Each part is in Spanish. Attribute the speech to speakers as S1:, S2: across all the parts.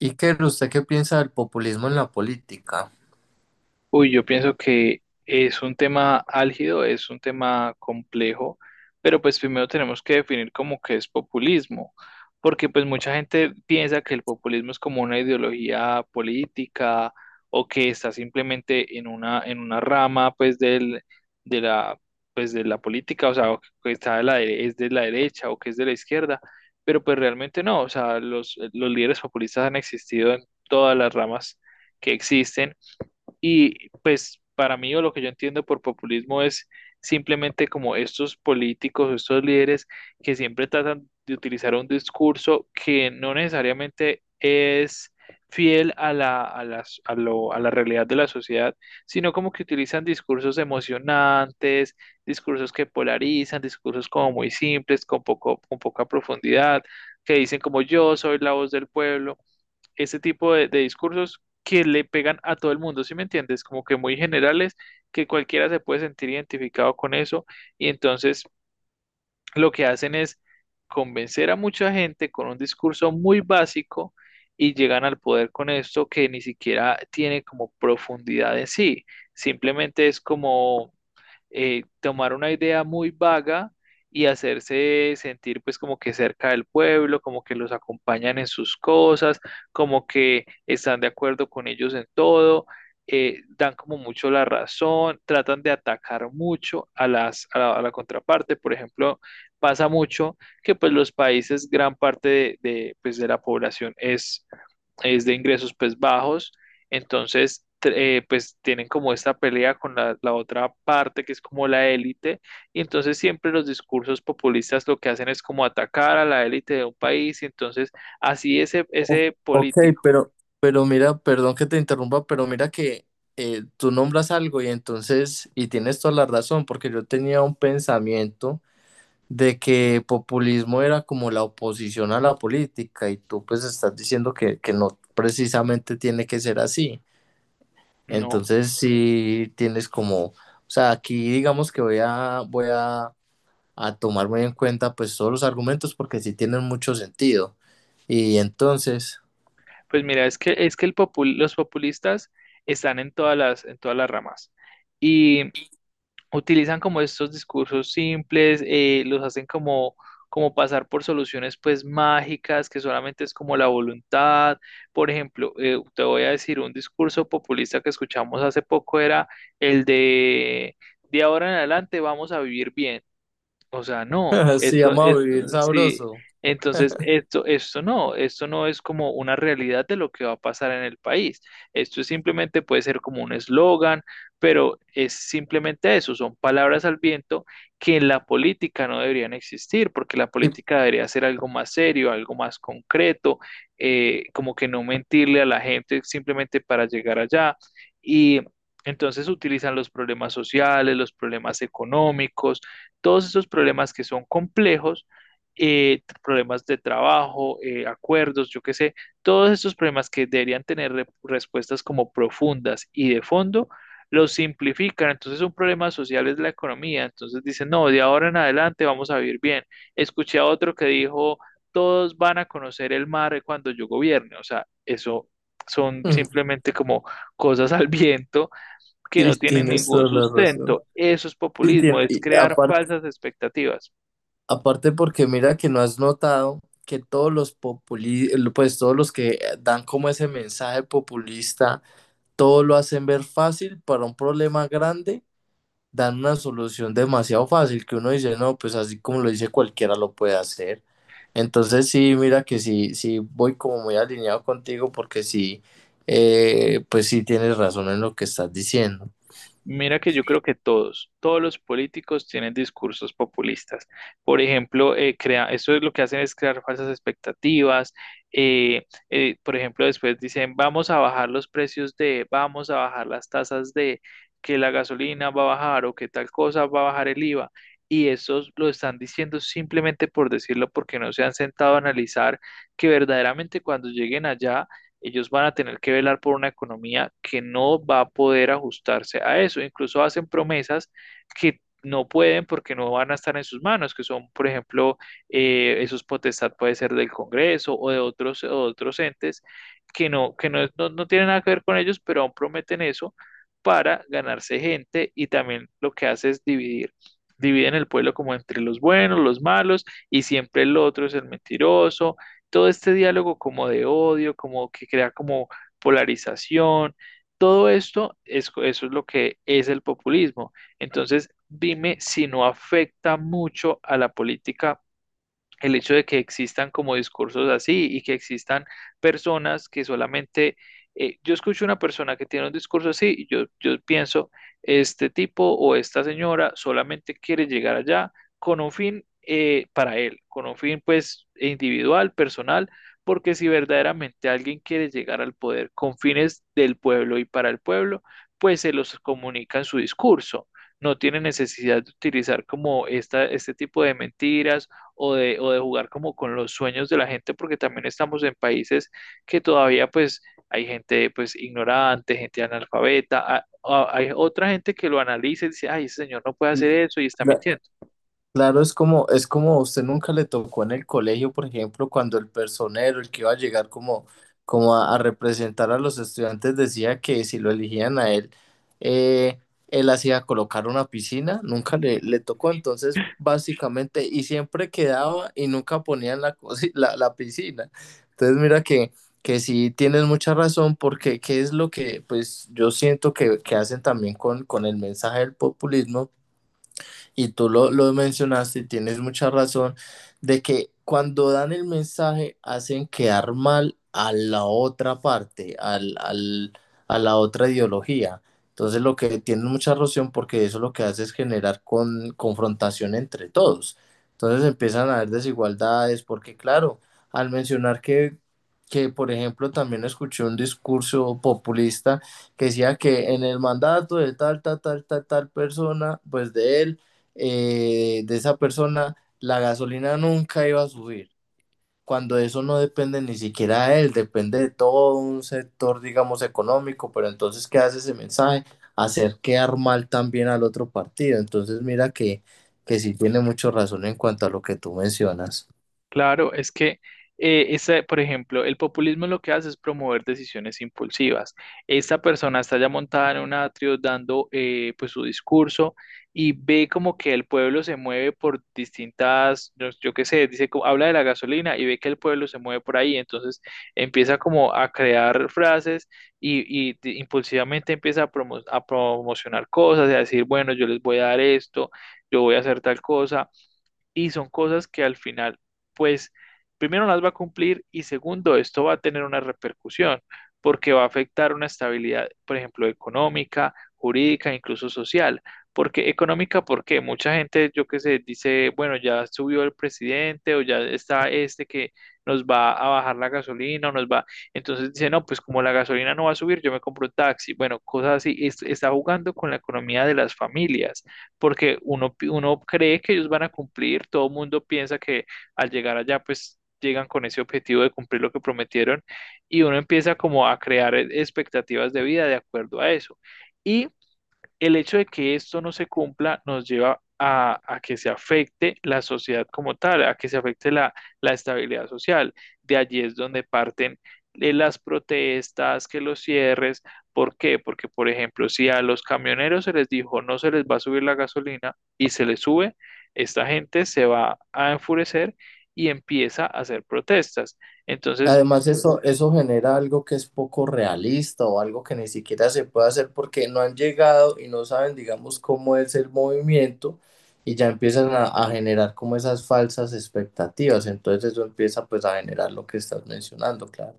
S1: Iker, ¿usted qué piensa del populismo en la política?
S2: Uy, yo pienso que es un tema álgido, es un tema complejo, pero pues primero tenemos que definir como que es populismo, porque pues mucha gente piensa que el populismo es como una ideología política o que está simplemente en una rama pues del, de la, pues de la política, o sea, o que está de la, es de la derecha o que es de la izquierda, pero pues realmente no, o sea, los líderes populistas han existido en todas las ramas que existen. Y pues para mí o lo que yo entiendo por populismo es simplemente como estos políticos, estos líderes que siempre tratan de utilizar un discurso que no necesariamente es fiel a la, a las- a lo- a la realidad de la sociedad, sino como que utilizan discursos emocionantes, discursos que polarizan, discursos como muy simples, con poco, con poca profundidad, que dicen como yo soy la voz del pueblo, ese tipo de discursos que le pegan a todo el mundo, ¿sí me entiendes? Como que muy generales, que cualquiera se puede sentir identificado con eso, y entonces lo que hacen es convencer a mucha gente con un discurso muy básico y llegan al poder con esto que ni siquiera tiene como profundidad en sí, simplemente es como tomar una idea muy vaga y hacerse sentir pues como que cerca del pueblo, como que los acompañan en sus cosas, como que están de acuerdo con ellos en todo, dan como mucho la razón, tratan de atacar mucho a las, a la contraparte. Por ejemplo, pasa mucho que pues los países, gran parte de, pues, de la población es de ingresos pues bajos, entonces pues tienen como esta pelea con la, la otra parte que es como la élite, y entonces siempre los discursos populistas lo que hacen es como atacar a la élite de un país, y entonces así ese,
S1: O-
S2: ese
S1: Ok,
S2: político.
S1: pero Pero mira, perdón que te interrumpa, pero mira que tú nombras algo y entonces, y tienes toda la razón, porque yo tenía un pensamiento de que populismo era como la oposición a la política y tú pues estás diciendo que no precisamente tiene que ser así.
S2: No,
S1: Entonces sí tienes como, o sea, aquí digamos que voy a tomar muy en cuenta pues todos los argumentos porque sí tienen mucho sentido. Y entonces,
S2: pues mira, es que los populistas están en todas las ramas. Y utilizan como estos discursos simples, los hacen como, como pasar por soluciones pues mágicas, que solamente es como la voluntad. Por ejemplo, te voy a decir un discurso populista que escuchamos hace poco era el de ahora en adelante vamos a vivir bien. O sea, no,
S1: sí,
S2: esto,
S1: vamos a
S2: esto,
S1: vivir
S2: sí,
S1: sabroso.
S2: entonces esto, esto no es como una realidad de lo que va a pasar en el país. Esto es simplemente puede ser como un eslogan, pero es simplemente eso, son palabras al viento que en la política no deberían existir, porque la
S1: Y,
S2: política debería ser algo más serio, algo más concreto, como que no mentirle a la gente simplemente para llegar allá. Y entonces utilizan los problemas sociales, los problemas económicos, todos esos problemas que son complejos, problemas de trabajo, acuerdos, yo qué sé, todos esos problemas que deberían tener respuestas como profundas y de fondo, los simplifican. Entonces un problema social es la economía. Entonces dicen, no, de ahora en adelante vamos a vivir bien. Escuché a otro que dijo, todos van a conocer el mar cuando yo gobierne. O sea, eso son
S1: mm,
S2: simplemente como cosas al viento que no
S1: sí,
S2: tienen
S1: tienes
S2: ningún
S1: toda la razón.
S2: sustento. Eso es
S1: Sí,
S2: populismo, es
S1: y
S2: crear
S1: aparte,
S2: falsas expectativas.
S1: aparte porque mira que no has notado que todos los populi, pues todos los que dan como ese mensaje populista, todo lo hacen ver fácil para un problema grande, dan una solución demasiado fácil que uno dice, no, pues así como lo dice cualquiera lo puede hacer. Entonces sí, mira que sí, sí voy como muy alineado contigo porque sí, pues sí tienes razón en lo que estás diciendo.
S2: Mira que yo creo que todos, todos los políticos tienen discursos populistas. Por ejemplo, eso es lo que hacen es crear falsas expectativas. Por ejemplo, después dicen, vamos a bajar los precios de, vamos a bajar las tasas de, que la gasolina va a bajar o que tal cosa va a bajar el IVA. Y eso lo están diciendo simplemente por decirlo, porque no se han sentado a analizar que verdaderamente cuando lleguen allá ellos van a tener que velar por una economía que no va a poder ajustarse a eso. Incluso hacen promesas que no pueden porque no van a estar en sus manos, que son, por ejemplo, esos potestad puede ser del Congreso o de otros entes que no, no tienen nada que ver con ellos, pero aún prometen eso para ganarse gente, y también lo que hace es dividir, dividen el pueblo como entre los buenos, los malos, y siempre el otro es el mentiroso, todo este diálogo como de odio, como que crea como polarización, todo esto, es, eso es lo que es el populismo. Entonces, dime si no afecta mucho a la política el hecho de que existan como discursos así y que existan personas que solamente, yo escucho una persona que tiene un discurso así y yo pienso, este tipo o esta señora solamente quiere llegar allá con un fin para él, con un fin pues individual, personal, porque si verdaderamente alguien quiere llegar al poder con fines del pueblo y para el pueblo, pues se los comunica en su discurso, no tiene necesidad de utilizar como esta, este tipo de mentiras o de jugar como con los sueños de la gente, porque también estamos en países que todavía pues hay gente pues ignorante, gente analfabeta, hay otra gente que lo analiza y dice, ay, ese señor no puede hacer eso y está mintiendo.
S1: Claro, es como a usted nunca le tocó en el colegio, por ejemplo, cuando el personero, el que iba a llegar como, como a representar a los estudiantes, decía que si lo elegían a él, eh, él hacía colocar una piscina, nunca le tocó, entonces básicamente, y siempre quedaba y nunca ponían la piscina. Entonces mira que sí tienes mucha razón, porque qué es lo que pues yo siento que hacen también con el mensaje del populismo y tú lo mencionaste y tienes mucha razón de que cuando dan el mensaje hacen quedar mal a la otra parte, a la otra ideología. Entonces lo que tienen mucha razón porque eso lo que hace es generar con, confrontación entre todos. Entonces empiezan a haber desigualdades porque claro, al mencionar que por ejemplo también escuché un discurso populista que decía que en el mandato de tal, tal, tal, tal, tal persona, pues de él, de esa persona, la gasolina nunca iba a subir, cuando eso no depende ni siquiera de él, depende de todo un sector, digamos, económico, pero entonces, ¿qué hace ese mensaje? Hacer quedar mal también al otro partido. Entonces, mira que sí tiene mucho razón en cuanto a lo que tú mencionas.
S2: Claro, es que, por ejemplo, el populismo lo que hace es promover decisiones impulsivas. Esta persona está ya montada en un atrio dando pues su discurso y ve como que el pueblo se mueve por distintas, yo qué sé, dice, habla de la gasolina y ve que el pueblo se mueve por ahí, entonces empieza como a crear frases y, impulsivamente empieza a, a promocionar cosas y a decir, bueno, yo les voy a dar esto, yo voy a hacer tal cosa, y son cosas que al final, pues, primero no las va a cumplir y segundo, esto va a tener una repercusión porque va a afectar una estabilidad, por ejemplo, económica, jurídica, incluso social. Porque económica, porque mucha gente, yo qué sé, dice, bueno, ya subió el presidente o ya está este que nos va a bajar la gasolina o nos va, entonces dice, no, pues como la gasolina no va a subir, yo me compro un taxi. Bueno, cosas así. Está jugando con la economía de las familias porque uno, uno cree que ellos van a cumplir, todo el mundo piensa que al llegar allá, pues llegan con ese objetivo de cumplir lo que prometieron, y uno empieza como a crear expectativas de vida de acuerdo a eso. Y el hecho de que esto no se cumpla nos lleva a que se afecte la sociedad como tal, a que se afecte la, la estabilidad social. De allí es donde parten las protestas, que los cierres. ¿Por qué? Porque, por ejemplo, si a los camioneros se les dijo no se les va a subir la gasolina y se les sube, esta gente se va a enfurecer y empieza a hacer protestas. Entonces,
S1: Además, eso genera algo que es poco realista o algo que ni siquiera se puede hacer porque no han llegado y no saben, digamos, cómo es el movimiento y ya empiezan a generar como esas falsas expectativas. Entonces eso empieza pues a generar lo que estás mencionando, claro.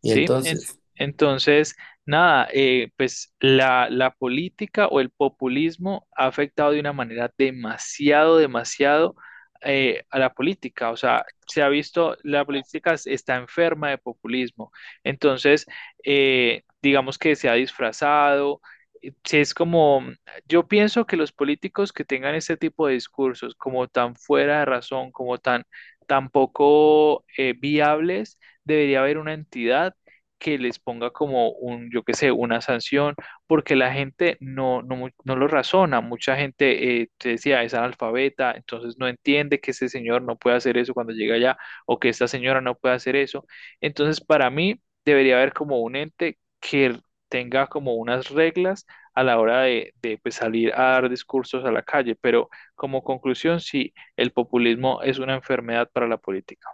S1: Y entonces...
S2: Entonces, nada, pues la política o el populismo ha afectado de una manera demasiado, demasiado, a la política. O sea, se ha visto, la política está enferma de populismo. Entonces, digamos que se ha disfrazado. Sí, es como, mm, yo pienso que los políticos que tengan este tipo de discursos como tan fuera de razón, como tan, tan poco viables, debería haber una entidad que les ponga como un, yo qué sé, una sanción, porque la gente no, no, no lo razona. Mucha gente, te decía, es analfabeta, entonces no entiende que ese señor no puede hacer eso cuando llega allá o que esta señora no puede hacer eso. Entonces, para mí, debería haber como un ente que tenga como unas reglas a la hora de pues, salir a dar discursos a la calle. Pero como conclusión, sí, el populismo es una enfermedad para la política.